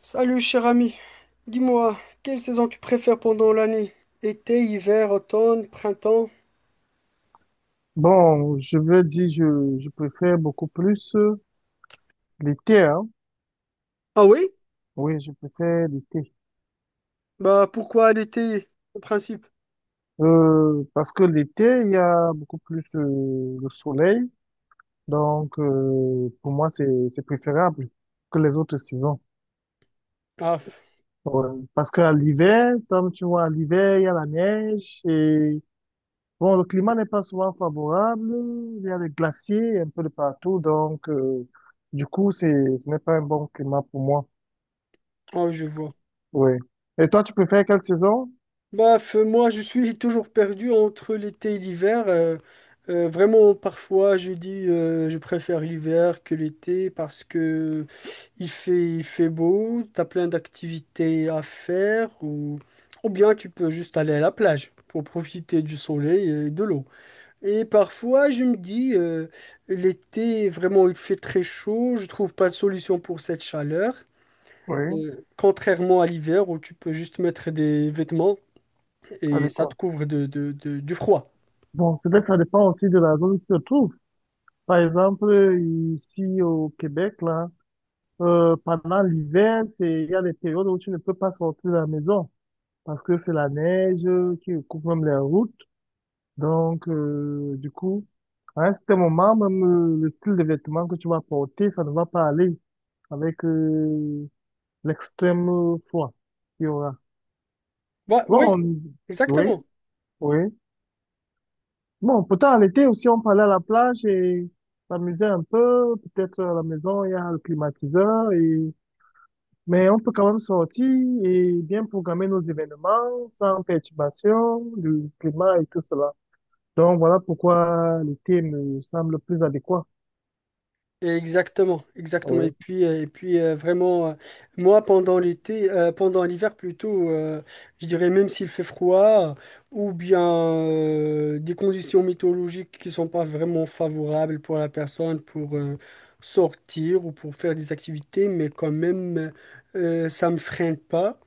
Salut cher ami, dis-moi, quelle saison tu préfères pendant l'année? Été, hiver, automne, printemps? Bon, je veux dire, je préfère beaucoup plus l'été, hein. Ah oui? Oui, je préfère l'été. Bah pourquoi l'été, en principe? Parce que l'été, il y a beaucoup plus le soleil. Donc, pour moi, c'est préférable que les autres saisons. Ah, f- Ouais. Parce qu'à l'hiver, comme tu vois, à l'hiver, il y a la neige et bon, le climat n'est pas souvent favorable. Il y a des glaciers un peu de partout. Donc, du coup, ce n'est pas un bon climat pour moi. ah, je vois. Oui. Et toi, tu préfères quelle saison? Moi je suis toujours perdu entre l'été et l'hiver. Vraiment parfois je dis je préfère l'hiver que l'été parce que il fait beau, t'as plein d'activités à faire ou bien tu peux juste aller à la plage pour profiter du soleil et de l'eau. Et parfois, je me dis, l'été, vraiment, il fait très chaud, je trouve pas de solution pour cette chaleur. Oui, Contrairement à l'hiver où tu peux juste mettre des vêtements à et ça te couvre du froid. Bon, peut-être ça dépend aussi de la zone où tu te trouves. Par exemple, ici au Québec, là, pendant l'hiver, il y a des périodes où tu ne peux pas sortir de la maison parce que c'est la neige qui coupe même les routes. Donc, du coup, à un certain moment, même le style de vêtements que tu vas porter, ça ne va pas aller avec l'extrême froid qu'il y aura. Ouais, Bon, oui, on... Oui, exactement. oui. Bon, pourtant, en été aussi, on parlait à la plage et s'amusait un peu. Peut-être à la maison, il y a le climatiseur et, mais on peut quand même sortir et bien programmer nos événements sans perturbation du climat et tout cela. Donc, voilà pourquoi l'été me semble plus adéquat. Exactement, exactement. Et Oui. puis, euh, et puis euh, vraiment, euh, moi, pendant l'hiver plutôt, je dirais même s'il fait froid, euh, ou bien des conditions météorologiques qui sont pas vraiment favorables pour la personne pour sortir ou pour faire des activités, mais quand même, ça me freine pas.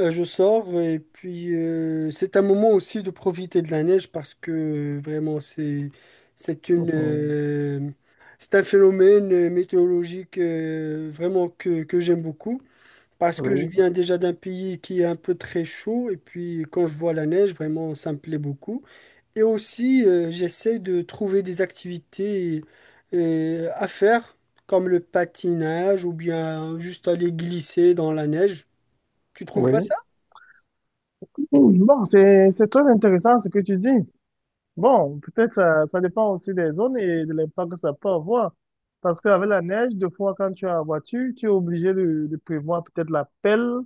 Je sors et puis c'est un moment aussi de profiter de la neige parce que vraiment c'est une Mhm. euh, c'est un phénomène météorologique vraiment que j'aime beaucoup parce que je Oui. viens déjà d'un pays qui est un peu très chaud et puis quand je vois la neige vraiment ça me plaît beaucoup et aussi j'essaie de trouver des activités à faire comme le patinage ou bien juste aller glisser dans la neige. Tu trouves Oui. pas ça? Bon, c'est très intéressant ce que tu dis. Bon, peut-être ça dépend aussi des zones et de l'impact que ça peut avoir. Parce qu'avec la neige, des fois, quand tu as la voiture, tu es obligé de prévoir peut-être la pelle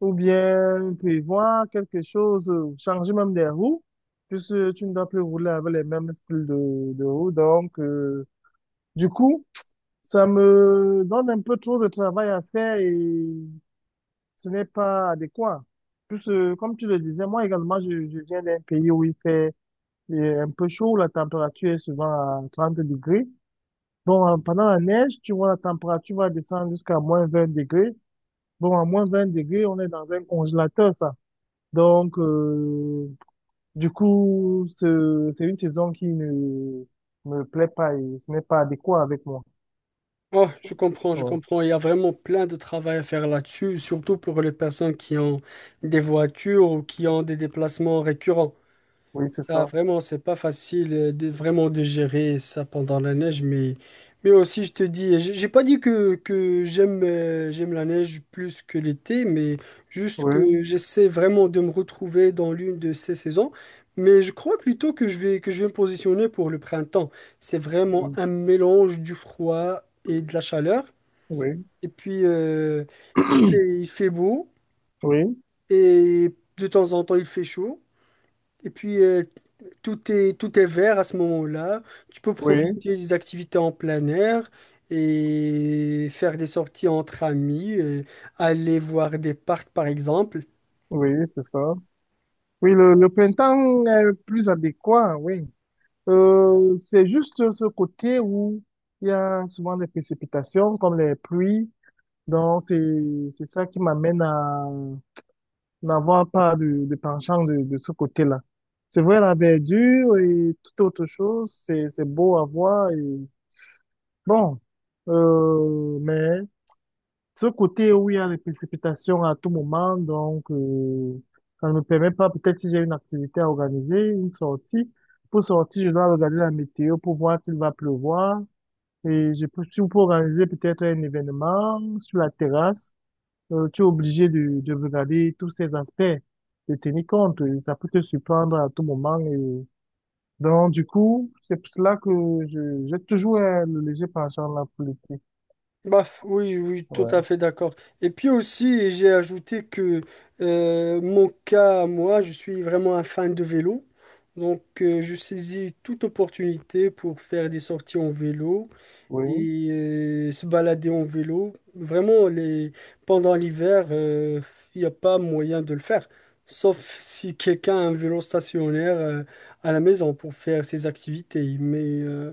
ou bien prévoir quelque chose, changer même des roues, puisque tu ne dois plus rouler avec les mêmes styles de roues. Donc, du coup, ça me donne un peu trop de travail à faire et ce n'est pas adéquat. Puisque, comme tu le disais, moi également, je viens d'un pays où il fait il est un peu chaud, la température est souvent à 30 degrés. Bon, pendant la neige, tu vois, la température va descendre jusqu'à moins 20 degrés. Bon, à moins 20 degrés, on est dans un congélateur, ça. Donc, du coup, c'est une saison qui ne me plaît pas et ce n'est pas adéquat avec moi. Oh, je comprends, je Ouais. comprends. Il y a vraiment plein de travail à faire là-dessus, surtout pour les personnes qui ont des voitures ou qui ont des déplacements récurrents. Oui, c'est Ça, ça. vraiment, c'est pas facile vraiment de gérer ça pendant la neige, mais aussi, je te dis, j'ai pas dit que j'aime j'aime la neige plus que l'été, mais juste Oui, que j'essaie vraiment de me retrouver dans l'une de ces saisons. Mais je crois plutôt que je vais me positionner pour le printemps. C'est vraiment oui, un mélange du froid et de la chaleur. oui, Et puis, il fait beau oui, et de temps en temps, il fait chaud. Et puis, tout est vert à ce moment-là. Tu peux oui, profiter des activités en plein air et faire des sorties entre amis, aller voir des parcs par exemple. oui, c'est ça. Oui, le printemps est plus adéquat, oui. C'est juste ce côté où il y a souvent des précipitations comme les pluies. Donc, c'est ça qui m'amène à n'avoir pas de penchant de ce côté-là. C'est vrai, la verdure et toute autre chose, c'est beau à voir et bon. Mais ce côté où il y a des précipitations à tout moment, donc ça ne me permet pas, peut-être si j'ai une activité à organiser, une sortie, pour sortir, je dois regarder la météo pour voir s'il va pleuvoir. Et je peux, si on peut organiser peut-être un événement sur la terrasse, tu es obligé de regarder tous ces aspects, de tenir compte. Et ça peut te surprendre à tout moment. Et donc, du coup, c'est pour cela que j'ai toujours le léger penchant là pour l'été. Baf, oui, oui, tout Ouais. à fait d'accord. Et puis aussi, j'ai ajouté que mon cas, moi, je suis vraiment un fan de vélo. Donc, je saisis toute opportunité pour faire des sorties en vélo. Oui, Et se balader en vélo. Pendant l'hiver, il n'y a pas moyen de le faire. Sauf si quelqu'un a un vélo stationnaire à la maison pour faire ses activités. Mais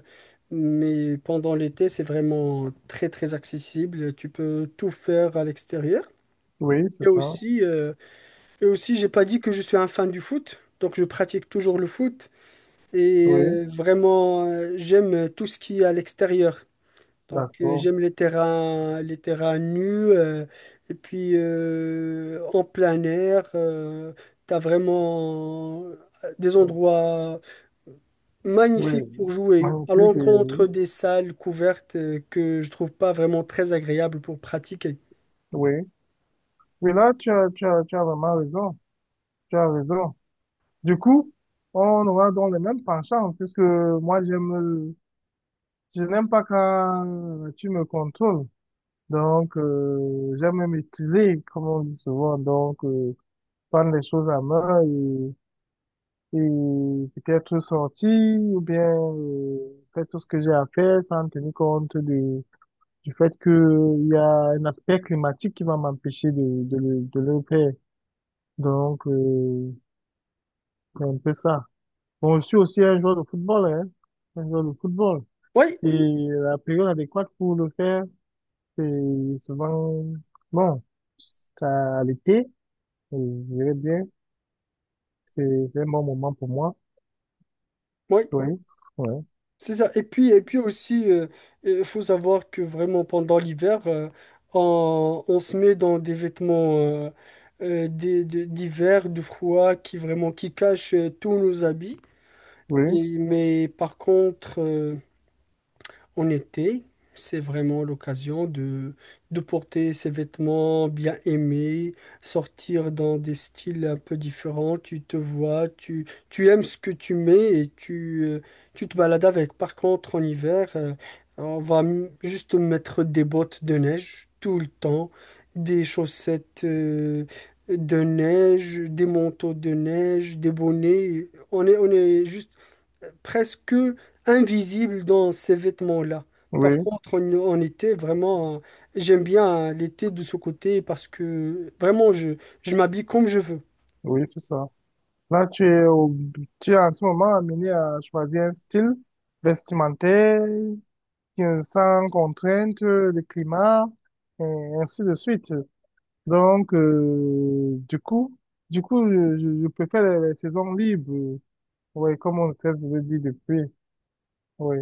mais pendant l'été, c'est vraiment très, très accessible. Tu peux tout faire à l'extérieur. oui, c'est Et ça. aussi, euh, et aussi, j'ai pas dit que je suis un fan du foot. Donc, je pratique toujours le foot. Et Oui. euh, vraiment, euh, j'aime tout ce qui est à l'extérieur. Donc, D'accord. j'aime les terrains nus. euh, et puis en plein air, t'as vraiment des Bon. endroits Oui, magnifiques pour jouer, à magnifique. Et l'encontre Oui, des salles couvertes que je trouve pas vraiment très agréables pour pratiquer. oui, Oui, là, tu as vraiment raison. Tu as raison. Du coup, on aura donc les mêmes penchants, puisque moi, je n'aime pas quand tu me contrôles. Donc, j'aime me maîtriser, comme on dit souvent. Donc, prendre les choses à main et peut-être sortir ou bien faire tout ce que j'ai à faire sans tenir compte de du fait que il y a un aspect climatique qui va m'empêcher de le faire. Donc, c'est un peu ça. Bon, je suis aussi un joueur de football, hein, un joueur de football. Oui, Et la période adéquate pour le faire, c'est souvent, bon, c'est à l'été, je dirais bien, c'est un bon moment pour moi. oui. Oui, oui, C'est ça. Et puis aussi, il faut savoir que vraiment pendant l'hiver, on se met dans des vêtements d'hiver, de froid, qui vraiment qui cachent tous nos habits. oui, Et, mais par contre, en été, c'est vraiment l'occasion de porter ses vêtements bien aimés, sortir dans des styles un peu différents. Tu aimes ce que tu mets et tu te balades avec. Par contre, en hiver, on va juste mettre des bottes de neige tout le temps, des chaussettes de neige, des manteaux de neige, des bonnets. On est juste presque invisible dans ces vêtements-là. Par oui, contre, en, en été, vraiment, j'aime bien l'été de ce côté parce que vraiment, je m'habille comme je veux. oui, c'est ça. Là, tu es en ce moment amené à choisir un style vestimentaire sans contrainte, le climat, et ainsi de suite. Donc, du coup, je préfère les saisons libres. Oui, comme on peut le dit depuis. Oui,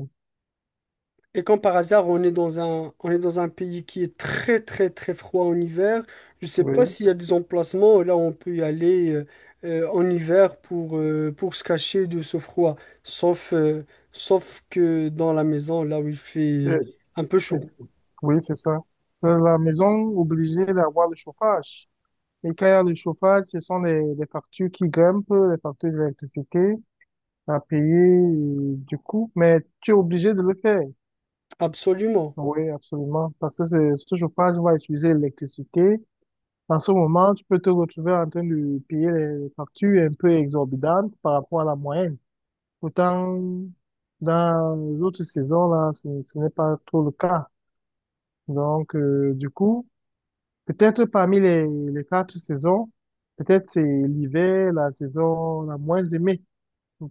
Et quand par hasard, on est dans un pays qui est très, très, très froid en hiver, je ne sais oui, pas s'il y a des emplacements là où on peut y aller en hiver pour se cacher de ce froid. Sauf, euh, Sauf que dans la maison, là où il fait Euh, un peu euh, chaud. oui, c'est ça. Dans la maison obligée d'avoir le chauffage. Et quand il y a le chauffage, ce sont les factures qui grimpent, les factures d'électricité à payer, et du coup, mais tu es obligé de le faire. Absolument. Oui, absolument. Parce que ce chauffage va utiliser l'électricité. Dans ce moment, tu peux te retrouver en train de payer des factures un peu exorbitantes par rapport à la moyenne. Pourtant, dans les autres saisons, là, ce n'est pas trop le cas. Donc, du coup, peut-être parmi les 4 saisons, peut-être c'est l'hiver, la saison la moins aimée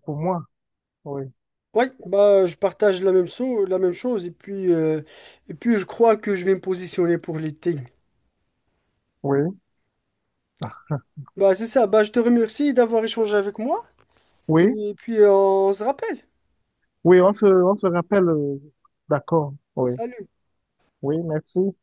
pour moi. Oui, Oui, bah, je partage la même chose et puis je crois que je vais me positionner pour l'été. oui, Bah, c'est ça, bah, je te remercie d'avoir échangé avec moi oui, et puis on se rappelle. oui, on se rappelle. D'accord, oui, Salut. oui, merci.